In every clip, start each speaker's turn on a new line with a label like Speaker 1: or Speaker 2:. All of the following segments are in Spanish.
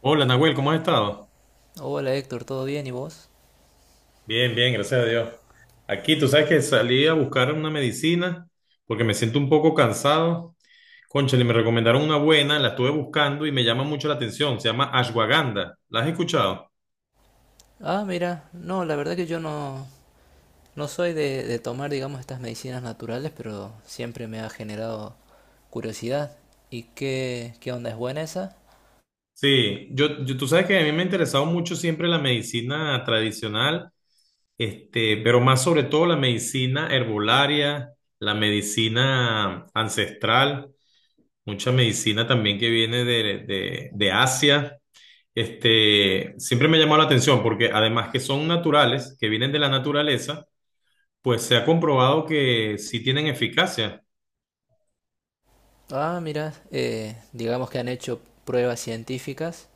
Speaker 1: Hola Nahuel, ¿cómo has estado?
Speaker 2: Hola Héctor, ¿todo bien? ¿Y vos?
Speaker 1: Bien, bien, gracias a Dios. Aquí, tú sabes que salí a buscar una medicina porque me siento un poco cansado. Cónchale, me recomendaron una buena, la estuve buscando y me llama mucho la atención. Se llama ashwagandha. ¿La has escuchado?
Speaker 2: Ah, mira, no, la verdad que yo no, no soy de tomar, digamos, estas medicinas naturales, pero siempre me ha generado curiosidad. ¿Y qué onda? ¿Es buena esa?
Speaker 1: Sí, tú sabes que a mí me ha interesado mucho siempre la medicina tradicional, este, pero más sobre todo la medicina herbolaria, la medicina ancestral, mucha medicina también que viene de Asia. Siempre me ha llamado la atención porque además que son naturales, que vienen de la naturaleza, pues se ha comprobado que sí tienen eficacia.
Speaker 2: Ah, mira, digamos que han hecho pruebas científicas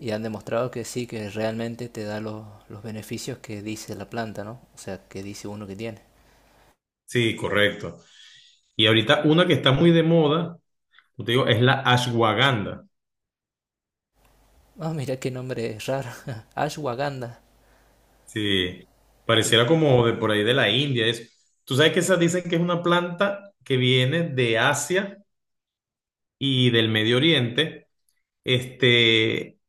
Speaker 2: y han demostrado que sí, que realmente te da los beneficios que dice la planta, ¿no? O sea, que dice uno que tiene.
Speaker 1: Sí, correcto. Y ahorita una que está muy de moda, yo te digo, es la ashwagandha.
Speaker 2: Ah, mira qué nombre raro. Ashwagandha.
Speaker 1: Sí,
Speaker 2: Y,
Speaker 1: pareciera como de por ahí de la India. Es, tú sabes que esas dicen que es una planta que viene de Asia y del Medio Oriente. Este,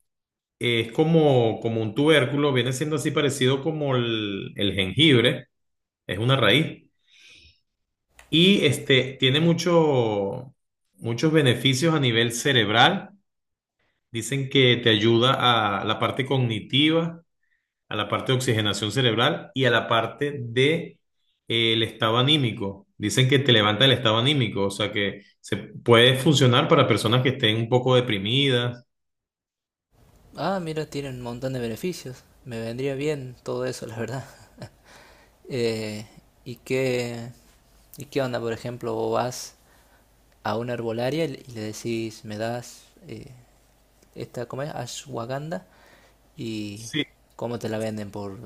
Speaker 1: es como, como un tubérculo, viene siendo así parecido como el jengibre. Es una raíz. Y este, tiene muchos beneficios a nivel cerebral. Dicen que te ayuda a la parte cognitiva, a la parte de oxigenación cerebral y a la parte de, el estado anímico. Dicen que te levanta el estado anímico, o sea que se puede funcionar para personas que estén un poco deprimidas.
Speaker 2: ah, mira, tiene un montón de beneficios. Me vendría bien todo eso, la verdad. Eh, ¿Y qué, ¿y qué onda? Por ejemplo, vos vas a una herbolaria y le decís, me das esta, ¿cómo es? Ashwagandha y
Speaker 1: Sí.
Speaker 2: cómo te la venden, por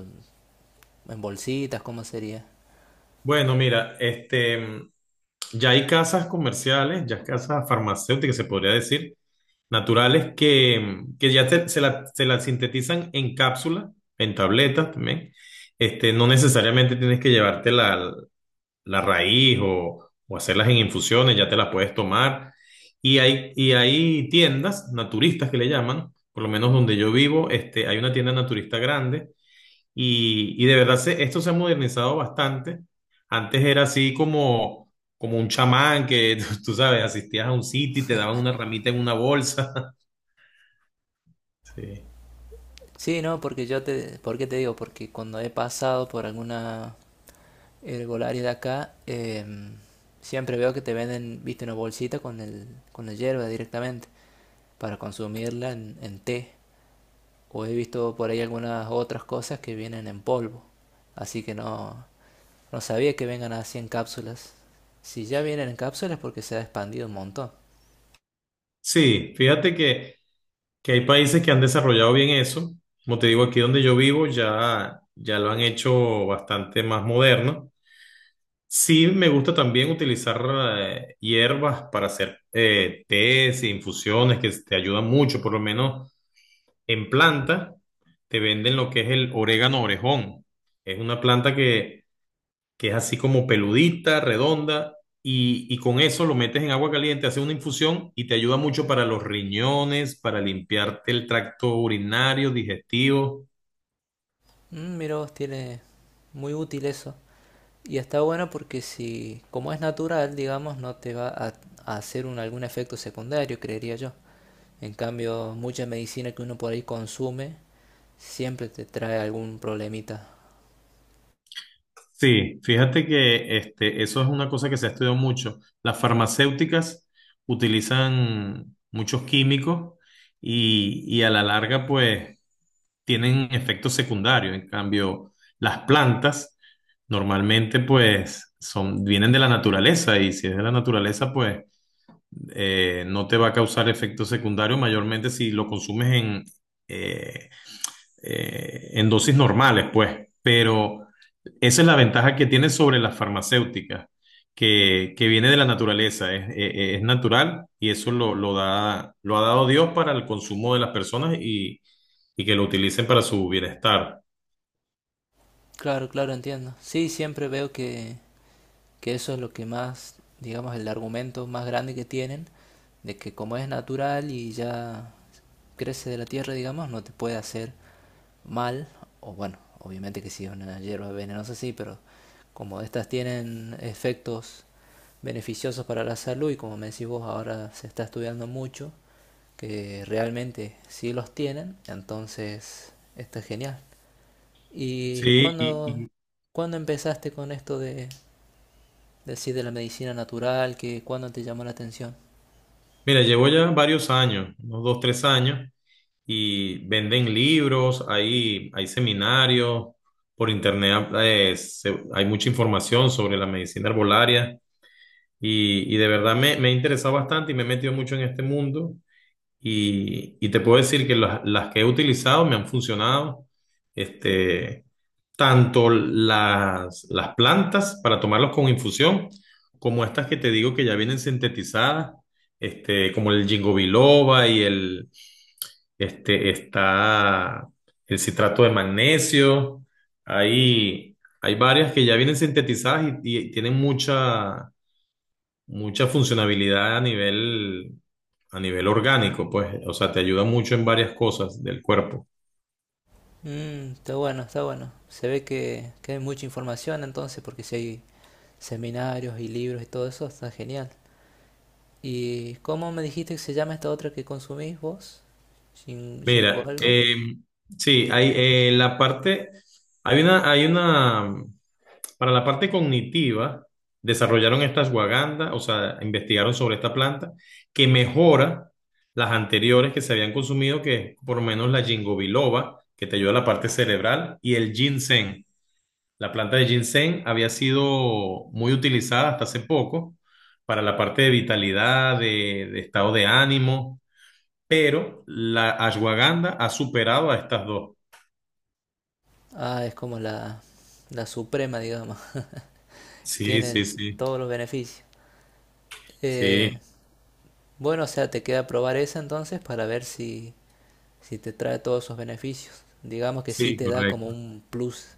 Speaker 2: en bolsitas, ¿cómo sería?
Speaker 1: Bueno, mira, este, ya hay casas comerciales, ya casas farmacéuticas, se podría decir, naturales que ya se la sintetizan en cápsula, en tabletas también. Este, no necesariamente tienes que llevarte la raíz o hacerlas en infusiones, ya te las puedes tomar. Y hay tiendas naturistas que le llaman, por lo menos donde yo vivo, este, hay una tienda naturista grande y de verdad esto se ha modernizado bastante. Antes era así como, como un chamán que, tú sabes, asistías a un sitio y te daban una ramita en una bolsa. Sí,
Speaker 2: Sí, no, porque yo te, ¿por qué te digo? Porque cuando he pasado por alguna herbolaria de acá, siempre veo que te venden, viste, una bolsita con el, con la hierba directamente para consumirla en té, o he visto por ahí algunas otras cosas que vienen en polvo. Así que no, no sabía que vengan así en cápsulas. Si ya vienen en cápsulas porque se ha expandido un montón.
Speaker 1: sí, fíjate que hay países que han desarrollado bien eso. Como te digo, aquí donde yo vivo ya lo han hecho bastante más moderno. Sí, me gusta también utilizar hierbas para hacer tés e infusiones que te ayudan mucho, por lo menos en planta. Te venden lo que es el orégano orejón. Es una planta que es así como peludita, redonda, y con eso lo metes en agua caliente, haces una infusión y te ayuda mucho para los riñones, para limpiarte el tracto urinario, digestivo.
Speaker 2: Mm, mira vos, tiene muy útil eso. Y está bueno porque si, como es natural, digamos, no te va a hacer un, algún efecto secundario, creería yo. En cambio, mucha medicina que uno por ahí consume siempre te trae algún problemita.
Speaker 1: Sí, fíjate que este, eso es una cosa que se ha estudiado mucho. Las farmacéuticas utilizan muchos químicos y a la larga, pues tienen efectos secundarios. En cambio, las plantas normalmente pues son, vienen de la naturaleza y si es de la naturaleza pues no te va a causar efectos secundarios mayormente si lo consumes eh, en dosis normales, pues. Pero esa es la ventaja que tiene sobre las farmacéuticas, que viene de la naturaleza, es natural y eso lo da, lo ha dado Dios para el consumo de las personas y que lo utilicen para su bienestar.
Speaker 2: Claro, claro, entiendo. Sí, siempre veo que eso es lo que más, digamos, el argumento más grande que tienen, de que como es natural y ya crece de la tierra, digamos, no te puede hacer mal, o bueno, obviamente que si es una hierba venenosa sí, pero como estas tienen efectos beneficiosos para la salud y como me decís vos ahora se está estudiando mucho, que realmente sí los tienen, entonces está genial. ¿Y
Speaker 1: Sí,
Speaker 2: cuándo empezaste con esto de, decir de la medicina natural, que cuándo te llamó la atención?
Speaker 1: mira, llevo ya varios años, unos dos, tres años, y venden libros, hay seminarios, por internet hay mucha información sobre la medicina herbolaria. Y de verdad me he interesado bastante y me he metido mucho en este mundo. Y te puedo decir que las que he utilizado me han funcionado. Este, tanto las plantas para tomarlos con infusión, como estas que te digo que ya vienen sintetizadas, este, como el ginkgo biloba y está el citrato de magnesio. Hay varias que ya vienen sintetizadas y tienen mucha funcionabilidad a a nivel orgánico, pues, o sea, te ayuda mucho en varias cosas del cuerpo.
Speaker 2: Mm, está bueno, está bueno. Se ve que hay mucha información entonces, porque si hay seminarios y libros y todo eso, está genial. ¿Y cómo me dijiste que se llama esta otra que consumís vos? Shingo
Speaker 1: Mira,
Speaker 2: algo?
Speaker 1: sí, hay la parte, hay una, para la parte cognitiva, desarrollaron esta ashwagandha, o sea, investigaron sobre esta planta que mejora las anteriores que se habían consumido, que es por lo menos la ginkgo biloba, que te ayuda a la parte cerebral, y el ginseng. La planta de ginseng había sido muy utilizada hasta hace poco para la parte de vitalidad, de estado de ánimo, pero la ashwagandha ha superado a estas dos.
Speaker 2: Ah, es como la suprema, digamos.
Speaker 1: Sí,
Speaker 2: Tiene
Speaker 1: sí, sí,
Speaker 2: todos los beneficios. Eh,
Speaker 1: sí,
Speaker 2: bueno, o sea, te queda probar esa entonces para ver si, si te trae todos esos beneficios. Digamos que sí
Speaker 1: sí,
Speaker 2: te da como
Speaker 1: correcto,
Speaker 2: un plus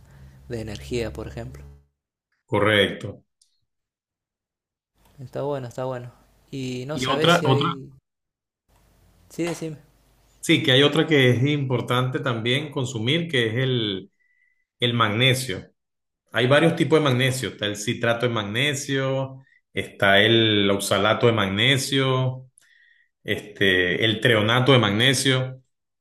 Speaker 2: de energía, por ejemplo.
Speaker 1: correcto.
Speaker 2: Está bueno, está bueno. Y no
Speaker 1: Y
Speaker 2: sabes
Speaker 1: otra,
Speaker 2: si
Speaker 1: otra,
Speaker 2: hay... Sí, decime.
Speaker 1: sí, que hay otra que es importante también consumir, que es el magnesio. Hay varios tipos de magnesio, está el citrato de magnesio, está el oxalato de magnesio. El treonato de magnesio.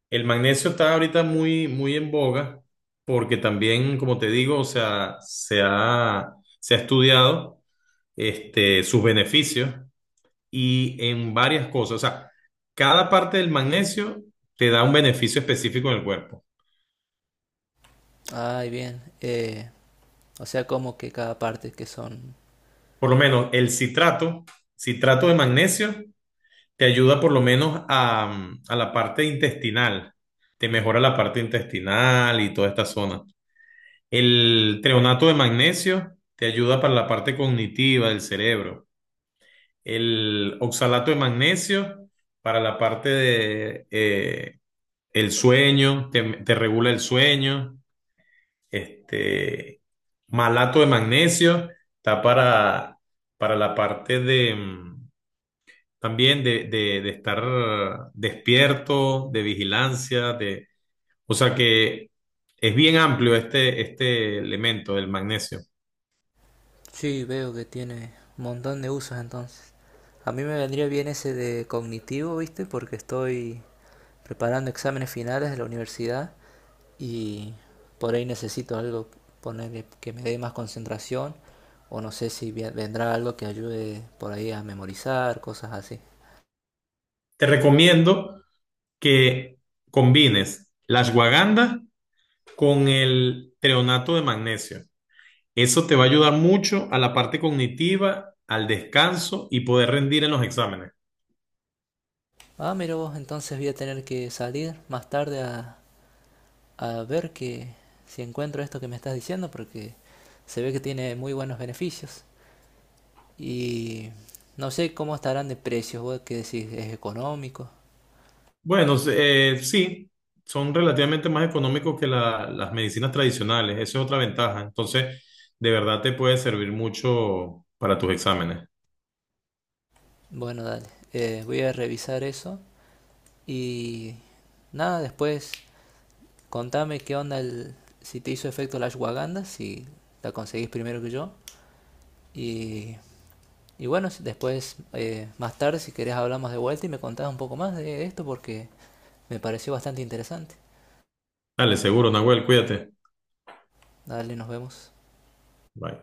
Speaker 1: El magnesio está ahorita muy, muy en boga porque también, como te digo, o sea, se ha estudiado este, sus beneficios y en varias cosas. O sea, cada parte del magnesio te da un beneficio específico en el cuerpo.
Speaker 2: Ay, bien. O sea, como que cada parte que son...
Speaker 1: Por lo menos citrato de magnesio, te ayuda por lo menos a la parte intestinal. Te mejora la parte intestinal y toda esta zona. El treonato de magnesio te ayuda para la parte cognitiva del cerebro. El oxalato de magnesio para la parte de el sueño, te regula el sueño. Este malato de magnesio está para la parte de también de estar despierto, de vigilancia, de, o sea que es bien amplio este, este elemento del magnesio.
Speaker 2: Sí, veo que tiene un montón de usos entonces. A mí me vendría bien ese de cognitivo, ¿viste? Porque estoy preparando exámenes finales de la universidad y por ahí necesito algo, ponerle que me dé más concentración. O no sé si vendrá algo que ayude por ahí a memorizar, cosas así.
Speaker 1: Te recomiendo que combines la ashwagandha con el treonato de magnesio. Eso te va a ayudar mucho a la parte cognitiva, al descanso y poder rendir en los exámenes.
Speaker 2: Ah, mira vos, entonces voy a tener que salir más tarde a ver que si encuentro esto que me estás diciendo porque se ve que tiene muy buenos beneficios. Y no sé cómo estarán de precios, vos qué decís, es económico.
Speaker 1: Bueno, sí, son relativamente más económicos que las medicinas tradicionales. Esa es otra ventaja. Entonces, de verdad te puede servir mucho para tus exámenes.
Speaker 2: Bueno, dale, voy a revisar eso y nada, después contame qué onda si te hizo efecto la ashwagandha, si la conseguís primero que yo. Y y bueno, después, más tarde, si querés, hablamos de vuelta y me contás un poco más de esto porque me pareció bastante interesante.
Speaker 1: Dale, seguro, Nahuel, cuídate.
Speaker 2: Dale, nos vemos.
Speaker 1: Bye.